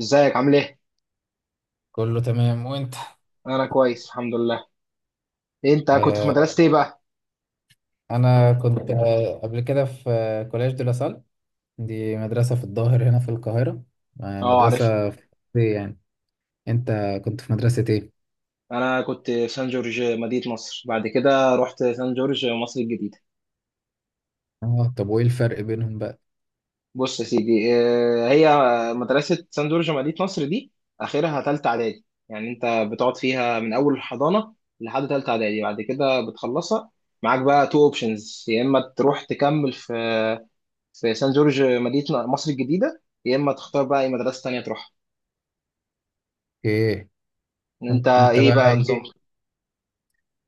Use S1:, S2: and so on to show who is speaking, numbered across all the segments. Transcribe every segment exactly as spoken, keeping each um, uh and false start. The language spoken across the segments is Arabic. S1: ازيك عامل ايه؟
S2: كله تمام وانت.
S1: انا كويس الحمد لله. انت كنت في
S2: آه،
S1: مدرسة ايه بقى؟
S2: انا كنت آه، قبل كده في آه، كولاج دي لاسال، دي مدرسة في الظاهر هنا في القاهرة. آه،
S1: اه، عارفها.
S2: مدرسة في إيه يعني. انت كنت في مدرسة ايه؟
S1: انا كنت في سان جورج مدينة نصر، بعد كده رحت سان جورج مصر الجديدة.
S2: اه، طب وايه الفرق بينهم بقى؟
S1: بص يا سيدي، آه، هي مدرسة سان جورج مدينة نصر دي اخرها تالتة اعدادي، يعني انت بتقعد فيها من اول الحضانة لحد تالتة اعدادي، بعد كده بتخلصها معاك بقى تو اوبشنز، يا اما تروح تكمل في في سان جورج مدينة مصر الجديدة، يا اما تختار بقى اي مدرسة تانية تروحها.
S2: ايه
S1: انت
S2: انت؟ إنت
S1: ايه
S2: بقى
S1: بقى نظام؟
S2: ايه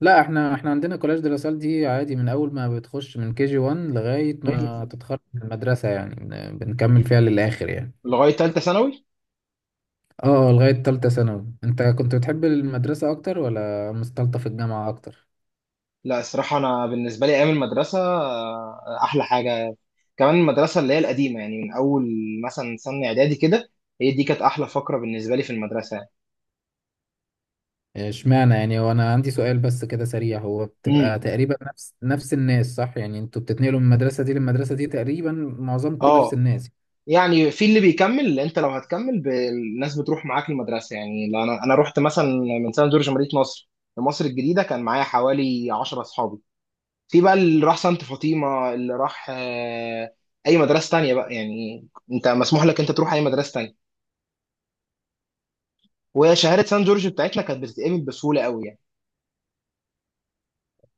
S2: لا، احنا احنا عندنا كولاج دي لاسال دي عادي، من اول ما بتخش من كي جي واحد لغاية ما تتخرج من المدرسة، يعني بن- بنكمل فيها للآخر يعني.
S1: لغايه ثالثه ثانوي.
S2: اه، لغاية تالتة ثانوي. انت كنت بتحب المدرسة اكتر ولا مستلطف الجامعة اكتر؟
S1: لا، الصراحه انا بالنسبه لي ايام المدرسه آه، احلى حاجه، كمان المدرسه اللي هي القديمه، يعني من اول مثلا سنه اعدادي كده، هي دي كانت احلى فقره بالنسبه لي في المدرسه يعني.
S2: اشمعنى يعني؟ هو انا عندي سؤال بس كده سريع، هو
S1: امم.
S2: بتبقى تقريبا نفس نفس الناس صح؟ يعني انتوا بتتنقلوا من المدرسة دي للمدرسة دي تقريبا معظمكم نفس
S1: اه،
S2: الناس.
S1: يعني في اللي بيكمل، انت لو هتكمل ب- الناس بتروح معاك المدرسه، يعني لو انا انا رحت مثلا من سنه جورج مدينه نصر لمصر الجديده كان معايا حوالي عشرة اصحابي، في بقى اللي راح سانت فاطمه، اللي راح آه، اي مدرسه تانية بقى يعني. انت مسموح لك انت تروح اي مدرسه تانية، وهي شهاده سان جورج بتاعتنا كانت بتتقبل بسهوله قوي يعني.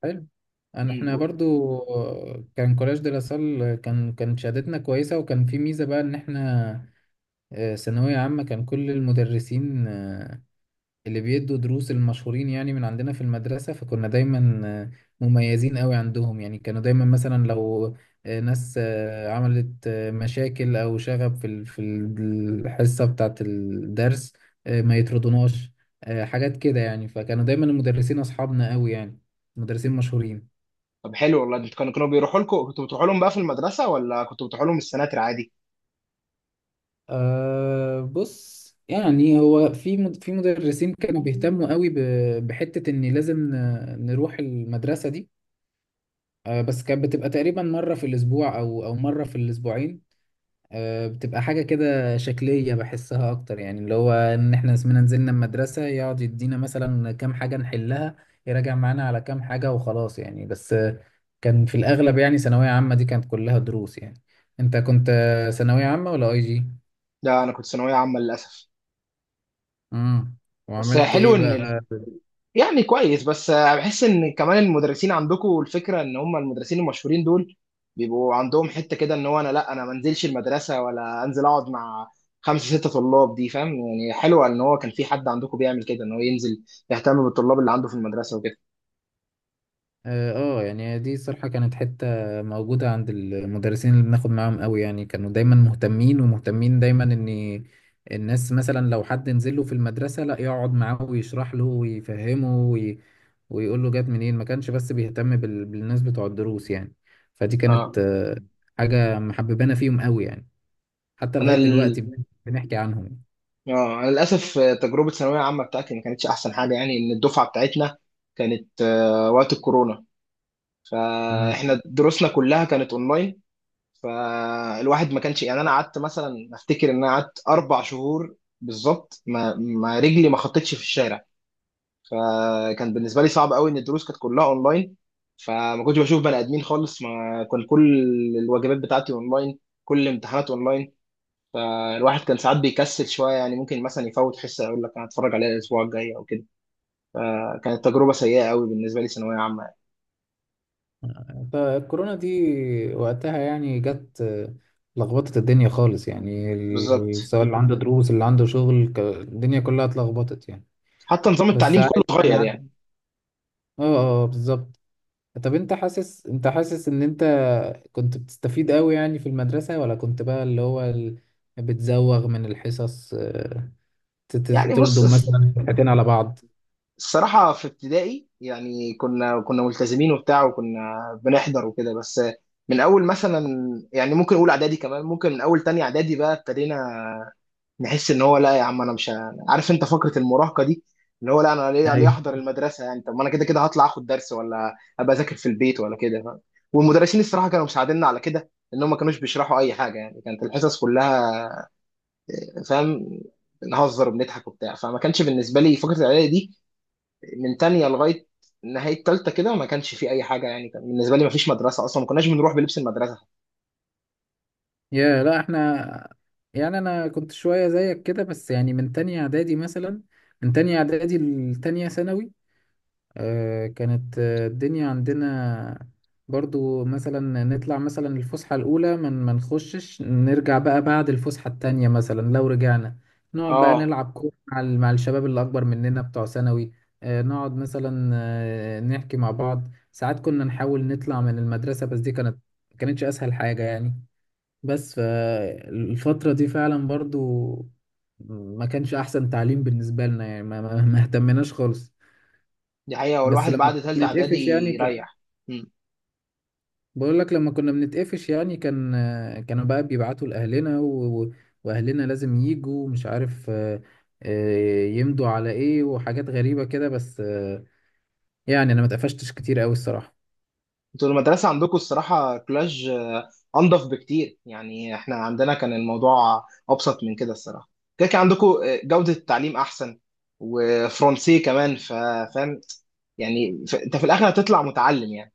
S2: حلو. انا، احنا
S1: مم.
S2: برضو آه، كان كولاج دراسال، كان كان شهادتنا كويسة، وكان في ميزة بقى ان احنا آه، ثانوية عامة كان كل المدرسين آه، اللي بيدوا دروس المشهورين يعني من عندنا في المدرسة، فكنا دايما آه، مميزين قوي عندهم يعني. كانوا دايما مثلا لو آه، ناس آه، عملت آه، مشاكل أو شغب في ال- في ال- الحصة بتاعة الدرس، آه، ما يطردوناش، آه، حاجات كده يعني. فكانوا دايما المدرسين أصحابنا قوي يعني، مدرسين مشهورين.
S1: طب حلو والله، انتوا كانوا كانوا بيروحوا لكم، كنتوا بتروحوا لهم بقى في المدرسه، ولا كنتوا بتروحوا لهم السناتر عادي؟
S2: أه، بص، يعني هو في مد- في مدرسين كانوا بيهتموا قوي ب- بحتة إن لازم ن- نروح المدرسة دي. آه، بس كانت بتبقى تقريبا مرة في الأسبوع أو أو مرة في الأسبوعين. آه، بتبقى حاجة كده شكلية بحسها أكتر، يعني اللي هو إن إحنا اسمنا نزلنا المدرسة، يقعد يدينا مثلا كام حاجة نحلها، يراجع معانا على كام حاجة وخلاص يعني. بس آه، كان في الأغلب يعني ثانوية عامة دي كانت كلها دروس يعني. أنت كنت آه، ثانوية عامة ولا أي جي؟
S1: لا، انا كنت ثانويه عامه للاسف.
S2: امم،
S1: بس
S2: وعملت
S1: حلو
S2: إيه
S1: ان
S2: بقى؟
S1: ال... يعني كويس، بس بحس ان كمان المدرسين عندكم الفكره ان هم المدرسين المشهورين دول بيبقوا عندهم حته كده، ان هو انا لا، انا ما انزلش المدرسه، ولا انزل اقعد مع خمسه سته طلاب دي، فاهم يعني؟ حلوه ان هو كان في حد عندكم بيعمل كده، ان هو ينزل يهتم بالطلاب اللي عنده في المدرسه وكده.
S2: اه. آه، يعني دي الصراحة كانت حتة موجودة عند المدرسين اللي بناخد معاهم قوي يعني. كانوا دايما مهتمين، ومهتمين دايما ان الناس مثلا لو حد نزل له في المدرسة، لا، يقعد معاه ويشرح له ويفهمه وي... ويقول له جت منين. ما كانش بس بيهتم بال... بالناس بتوع الدروس يعني. فدي
S1: اه.
S2: كانت آه، حاجة محببانا فيهم قوي يعني. حتى
S1: انا
S2: لغاية دلوقتي
S1: ال...
S2: بن- بنحكي عنهم.
S1: اه، انا للاسف آه، تجربه ثانويه عامه بتاعتي ما كانتش احسن حاجه، يعني ان الدفعه بتاعتنا كانت آه، وقت الكورونا، فاحنا دروسنا كلها كانت اونلاين، فالواحد ما كانش يعني، انا قعدت مثلا افتكر ان انا قعدت اربع شهور بالظبط ما ما رجلي ما خطتش في الشارع، فكان بالنسبه لي صعب قوي ان الدروس كانت كلها اونلاين، فما كنتش بشوف بني ادمين خالص، ما كان كل الواجبات بتاعتي اونلاين، كل الامتحانات اونلاين، فالواحد كان ساعات بيكسل شويه، يعني ممكن مثلا يفوت حصه يقول لك انا هتفرج عليها الاسبوع الجاي او كده، فكانت تجربه سيئه قوي بالنسبه لي ثانويه عامه يعني.
S2: فالكورونا دي وقتها يعني جت لخبطت الدنيا خالص يعني. ال-
S1: بالظبط،
S2: سواء اللي عنده دروس اللي عنده شغل، ك- الدنيا كلها اتلخبطت يعني.
S1: حتى نظام
S2: بس
S1: التعليم كله
S2: عادي يعني
S1: اتغير
S2: عد...
S1: يعني.
S2: اه، اه، آه، بالظبط. طب انت حاسس، انت حاسس ان انت كنت بتستفيد قوي يعني في المدرسة، ولا كنت بقى اللي هو ال... بتزوغ من الحصص، آه، ت-
S1: يعني
S2: ت-
S1: بص،
S2: تلدم مثلا حاجتين على بعض؟
S1: الصراحة في ابتدائي يعني كنا كنا ملتزمين وبتاع، وكنا بنحضر وكده، بس من أول مثلا، يعني ممكن أقول إعدادي كمان، ممكن من أول تانية إعدادي بقى ابتدينا نحس ان هو لا يا عم، انا مش ه- عارف، انت فكره المراهقه دي، اللي هو لا انا ليه ليه احضر المدرسه يعني؟ طب ما انا كده كده هطلع اخد درس، ولا ابقى اذاكر في البيت، ولا كده، فاهم؟ والمدرسين الصراحه كانوا مساعديننا على كده، ان هم ما كانوش بيشرحوا اي حاجه، يعني كانت الحصص كلها، فاهم، نهزر وبنضحك وبتاع، فما كانش بالنسبه لي فكره الاعدادي دي من تانية لغايه نهايه تالتة كده، ما كانش في اي حاجه، يعني كان بالنسبه لي ما فيش مدرسه اصلا، ما كناش بنروح بلبس المدرسه.
S2: يا، لا، احنا يعني انا كنت شويه زيك كده، بس يعني من تانية اعدادي مثلا، من تانية اعدادي لتانية ثانوي. آه، كانت آه، الدنيا عندنا برضو مثلا نطلع مثلا الفسحه الاولى، من ما نخشش نرجع بقى بعد الفسحه التانية. مثلا لو رجعنا نقعد بقى
S1: اه،
S2: نلعب كوره مع ال- مع الشباب اللي اكبر مننا بتوع ثانوي. آه، نقعد مثلا آه، نحكي مع بعض. ساعات كنا نحاول نطلع من المدرسه، بس دي كانت كانتش اسهل حاجه يعني. بس فالفترة دي فعلا برضو ما كانش أحسن تعليم بالنسبة لنا يعني. ما, ما, ما اهتمناش خالص.
S1: دي حقيقه،
S2: بس
S1: والواحد
S2: لما
S1: بعد تالتة
S2: كنا
S1: اعدادي
S2: بنتقفش يعني كان،
S1: يريح.
S2: بقول لك لما كنا بنتقفش يعني كان، كانوا بقى بيبعتوا لأهلنا و... و- وأهلنا لازم يجوا مش عارف آه، آه، يمضوا على إيه وحاجات غريبة كده. بس آه، يعني أنا ما اتقفشتش كتير أوي الصراحة.
S1: انتوا المدرسة عندكم الصراحة كلاج، آه، أنضف بكتير، يعني احنا عندنا كان الموضوع أبسط من كده الصراحة، كده كان عندكم آه، جودة التعليم أحسن، وفرنسي كمان، ف- فاهم، يعني ف- انت في الآخر هتطلع متعلم يعني.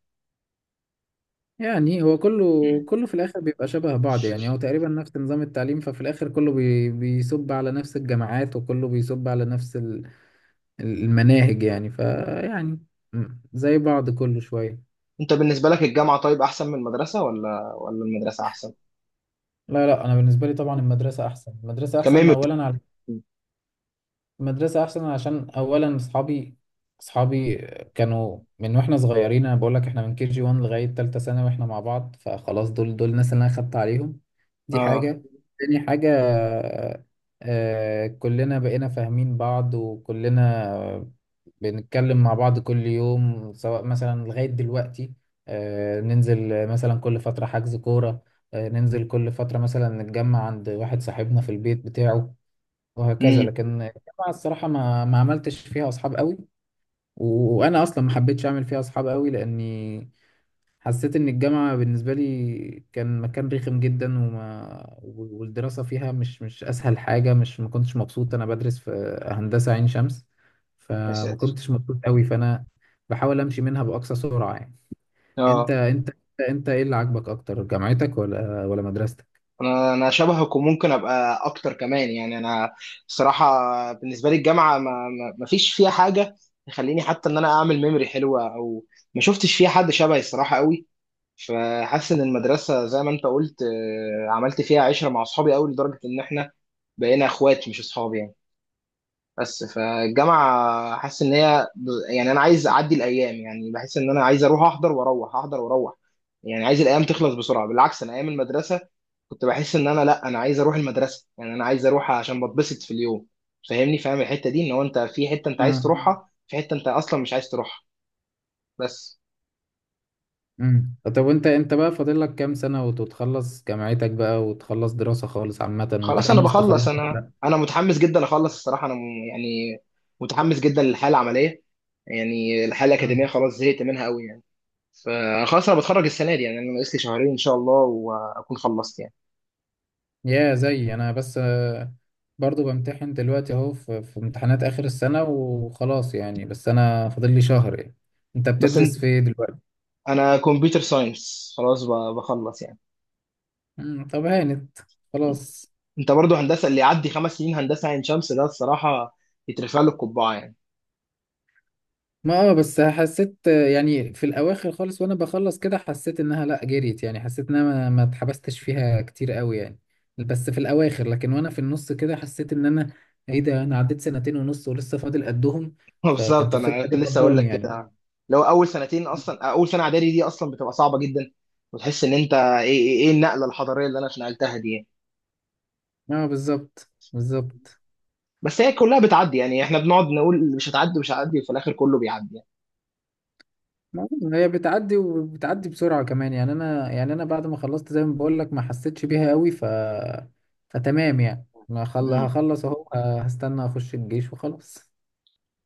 S2: يعني هو كله
S1: مم.
S2: كله في الاخر بيبقى شبه بعض يعني، هو تقريبا نفس نظام التعليم، ففي الاخر كله بي بيصب على نفس الجامعات، وكله بيصب على نفس ال- المناهج يعني. فيعني م، زي بعض كله شوية.
S1: انت بالنسبة لك الجامعة، طيب، أحسن من المدرسة، ولا ولا المدرسة أحسن؟
S2: لا لا، انا بالنسبة لي طبعا المدرسة احسن. المدرسة احسن
S1: كمان.
S2: اولا على، مدرسة أحسن عشان أولا أصحابي. أصحابي كانوا من وإحنا صغيرين. أنا بقول لك إحنا من كي جي واحد لغاية تالتة ثانوي وإحنا مع بعض، فخلاص دول دول الناس اللي أنا خدت عليهم. دي
S1: اه.
S2: حاجة. تاني حاجة، آه، كلنا بقينا فاهمين بعض، وكلنا بنتكلم مع بعض كل يوم. سواء مثلا لغاية دلوقتي آه، ننزل مثلا كل فترة حجز كورة، آه، ننزل كل فترة مثلا نتجمع عند واحد صاحبنا في البيت بتاعه، وهكذا. لكن
S1: امم.
S2: الجامعة الصراحة ما ما عملتش فيها أصحاب قوي، وأنا أصلا ما حبيتش أعمل فيها أصحاب قوي، لأني حسيت إن الجامعة بالنسبة لي كان مكان رخم جدا. وما والدراسة فيها مش مش أسهل حاجة، مش، ما كنتش مبسوط. أنا بدرس في هندسة عين شمس
S1: يا
S2: فما
S1: ساتر.
S2: كنتش مبسوط قوي، فأنا بحاول أمشي منها بأقصى سرعة يعني. أنت
S1: اه،
S2: أنت أنت إيه اللي عاجبك أكتر، جامعتك ولا ولا مدرستك؟
S1: انا انا شبهك، وممكن ابقى اكتر كمان، يعني انا الصراحه بالنسبه لي الجامعه ما ما ما فيش فيها حاجه تخليني حتى ان انا اعمل ميموري حلوه، او ما شفتش فيها حد شبهي الصراحه قوي، فحاسس ان المدرسه زي ما انت قلت، آه، عملت فيها عشره مع اصحابي قوي لدرجه ان احنا بقينا اخوات مش اصحاب يعني. بس فالجامعة حاسس إن هي، يعني أنا عايز أعدي الأيام، يعني بحس إن أنا عايز أروح أحضر، وأروح أحضر وأروح، يعني عايز الأيام تخلص بسرعة. بالعكس أنا أيام المدرسة كنت بحس إن أنا لأ، أنا عايز أروح المدرسة، يعني أنا عايز أروح عشان بتبسط في اليوم. فاهمني، فاهم الحتة دي، إن هو أنت في حتة أنت عايز
S2: آه.
S1: تروحها، في حتة أنت أصلا مش عايز تروحها. بس
S2: امم، طب وانت انت بقى فاضل لك كام سنة وتتخلص جامعتك بقى وتخلص دراسة خالص عامة،
S1: خلاص، أنا
S2: ومتحمس تخلص
S1: بخلص،
S2: ولا
S1: أنا
S2: لا؟
S1: أنا متحمس جدا أخلص الصراحة، أنا م- يعني متحمس جدا للحالة العملية، يعني الحالة الأكاديمية
S2: مم.
S1: خلاص زهقت منها قوي يعني. فخلاص انا بتخرج السنه دي، يعني انا ناقص لي شهرين ان شاء الله واكون خلصت يعني.
S2: يا زي انا، بس آه، برضو بمتحن دلوقتي اهو، في في امتحانات اخر السنة وخلاص يعني، بس انا فاضل لي شهر يعني. انت
S1: بس انت،
S2: بتدرس في إيه دلوقتي؟
S1: انا كمبيوتر ساينس خلاص، ب- بخلص يعني.
S2: مم. طب هانت خلاص.
S1: انت برضو هندسه، اللي يعدي خمس سنين هندسه عين شمس ده الصراحه يترفع له القبعه يعني.
S2: ما اه، بس حسيت يعني في الاواخر خالص وانا بخلص كده، حسيت انها لا، جريت يعني. حسيت انها ما, ما اتحبستش فيها كتير قوي يعني بس في الاواخر، لكن وانا في النص كده حسيت ان انا ايه ده، انا عديت سنتين ونص ولسه فاضل قدهم. فكانت
S1: بالظبط، انا
S2: الفكرة
S1: كنت
S2: دي
S1: لسه اقول
S2: فضاني
S1: لك
S2: يعني.
S1: كده، لو اول سنتين، اصلا اول سنه اعدادي دي اصلا بتبقى صعبه جدا، وتحس ان انت ايه، ايه إيه النقله الحضاريه اللي انا اتنقلتها دي يعني.
S2: اه بالظبط، بالظبط.
S1: بس هي كلها بتعدي، يعني احنا بنقعد نقول مش هتعدي مش هتعدي، وفي الاخر كله بيعدي يعني.
S2: ما هي بتعدي وبتعدي بسرعة كمان يعني. انا يعني انا بعد ما خلصت زي ما بقول لك ما حسيتش بيها قوي، ف فتمام يعني. ما خل...
S1: مم.
S2: هخلص اهو، هستنى اخش الجيش وخلاص.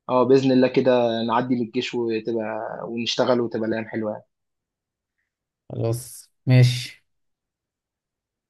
S1: اه، باذن الله كده نعدي من الجيش، وتبقى ونشتغل وتبقى الايام حلوه يعني.
S2: خلاص، ماشي.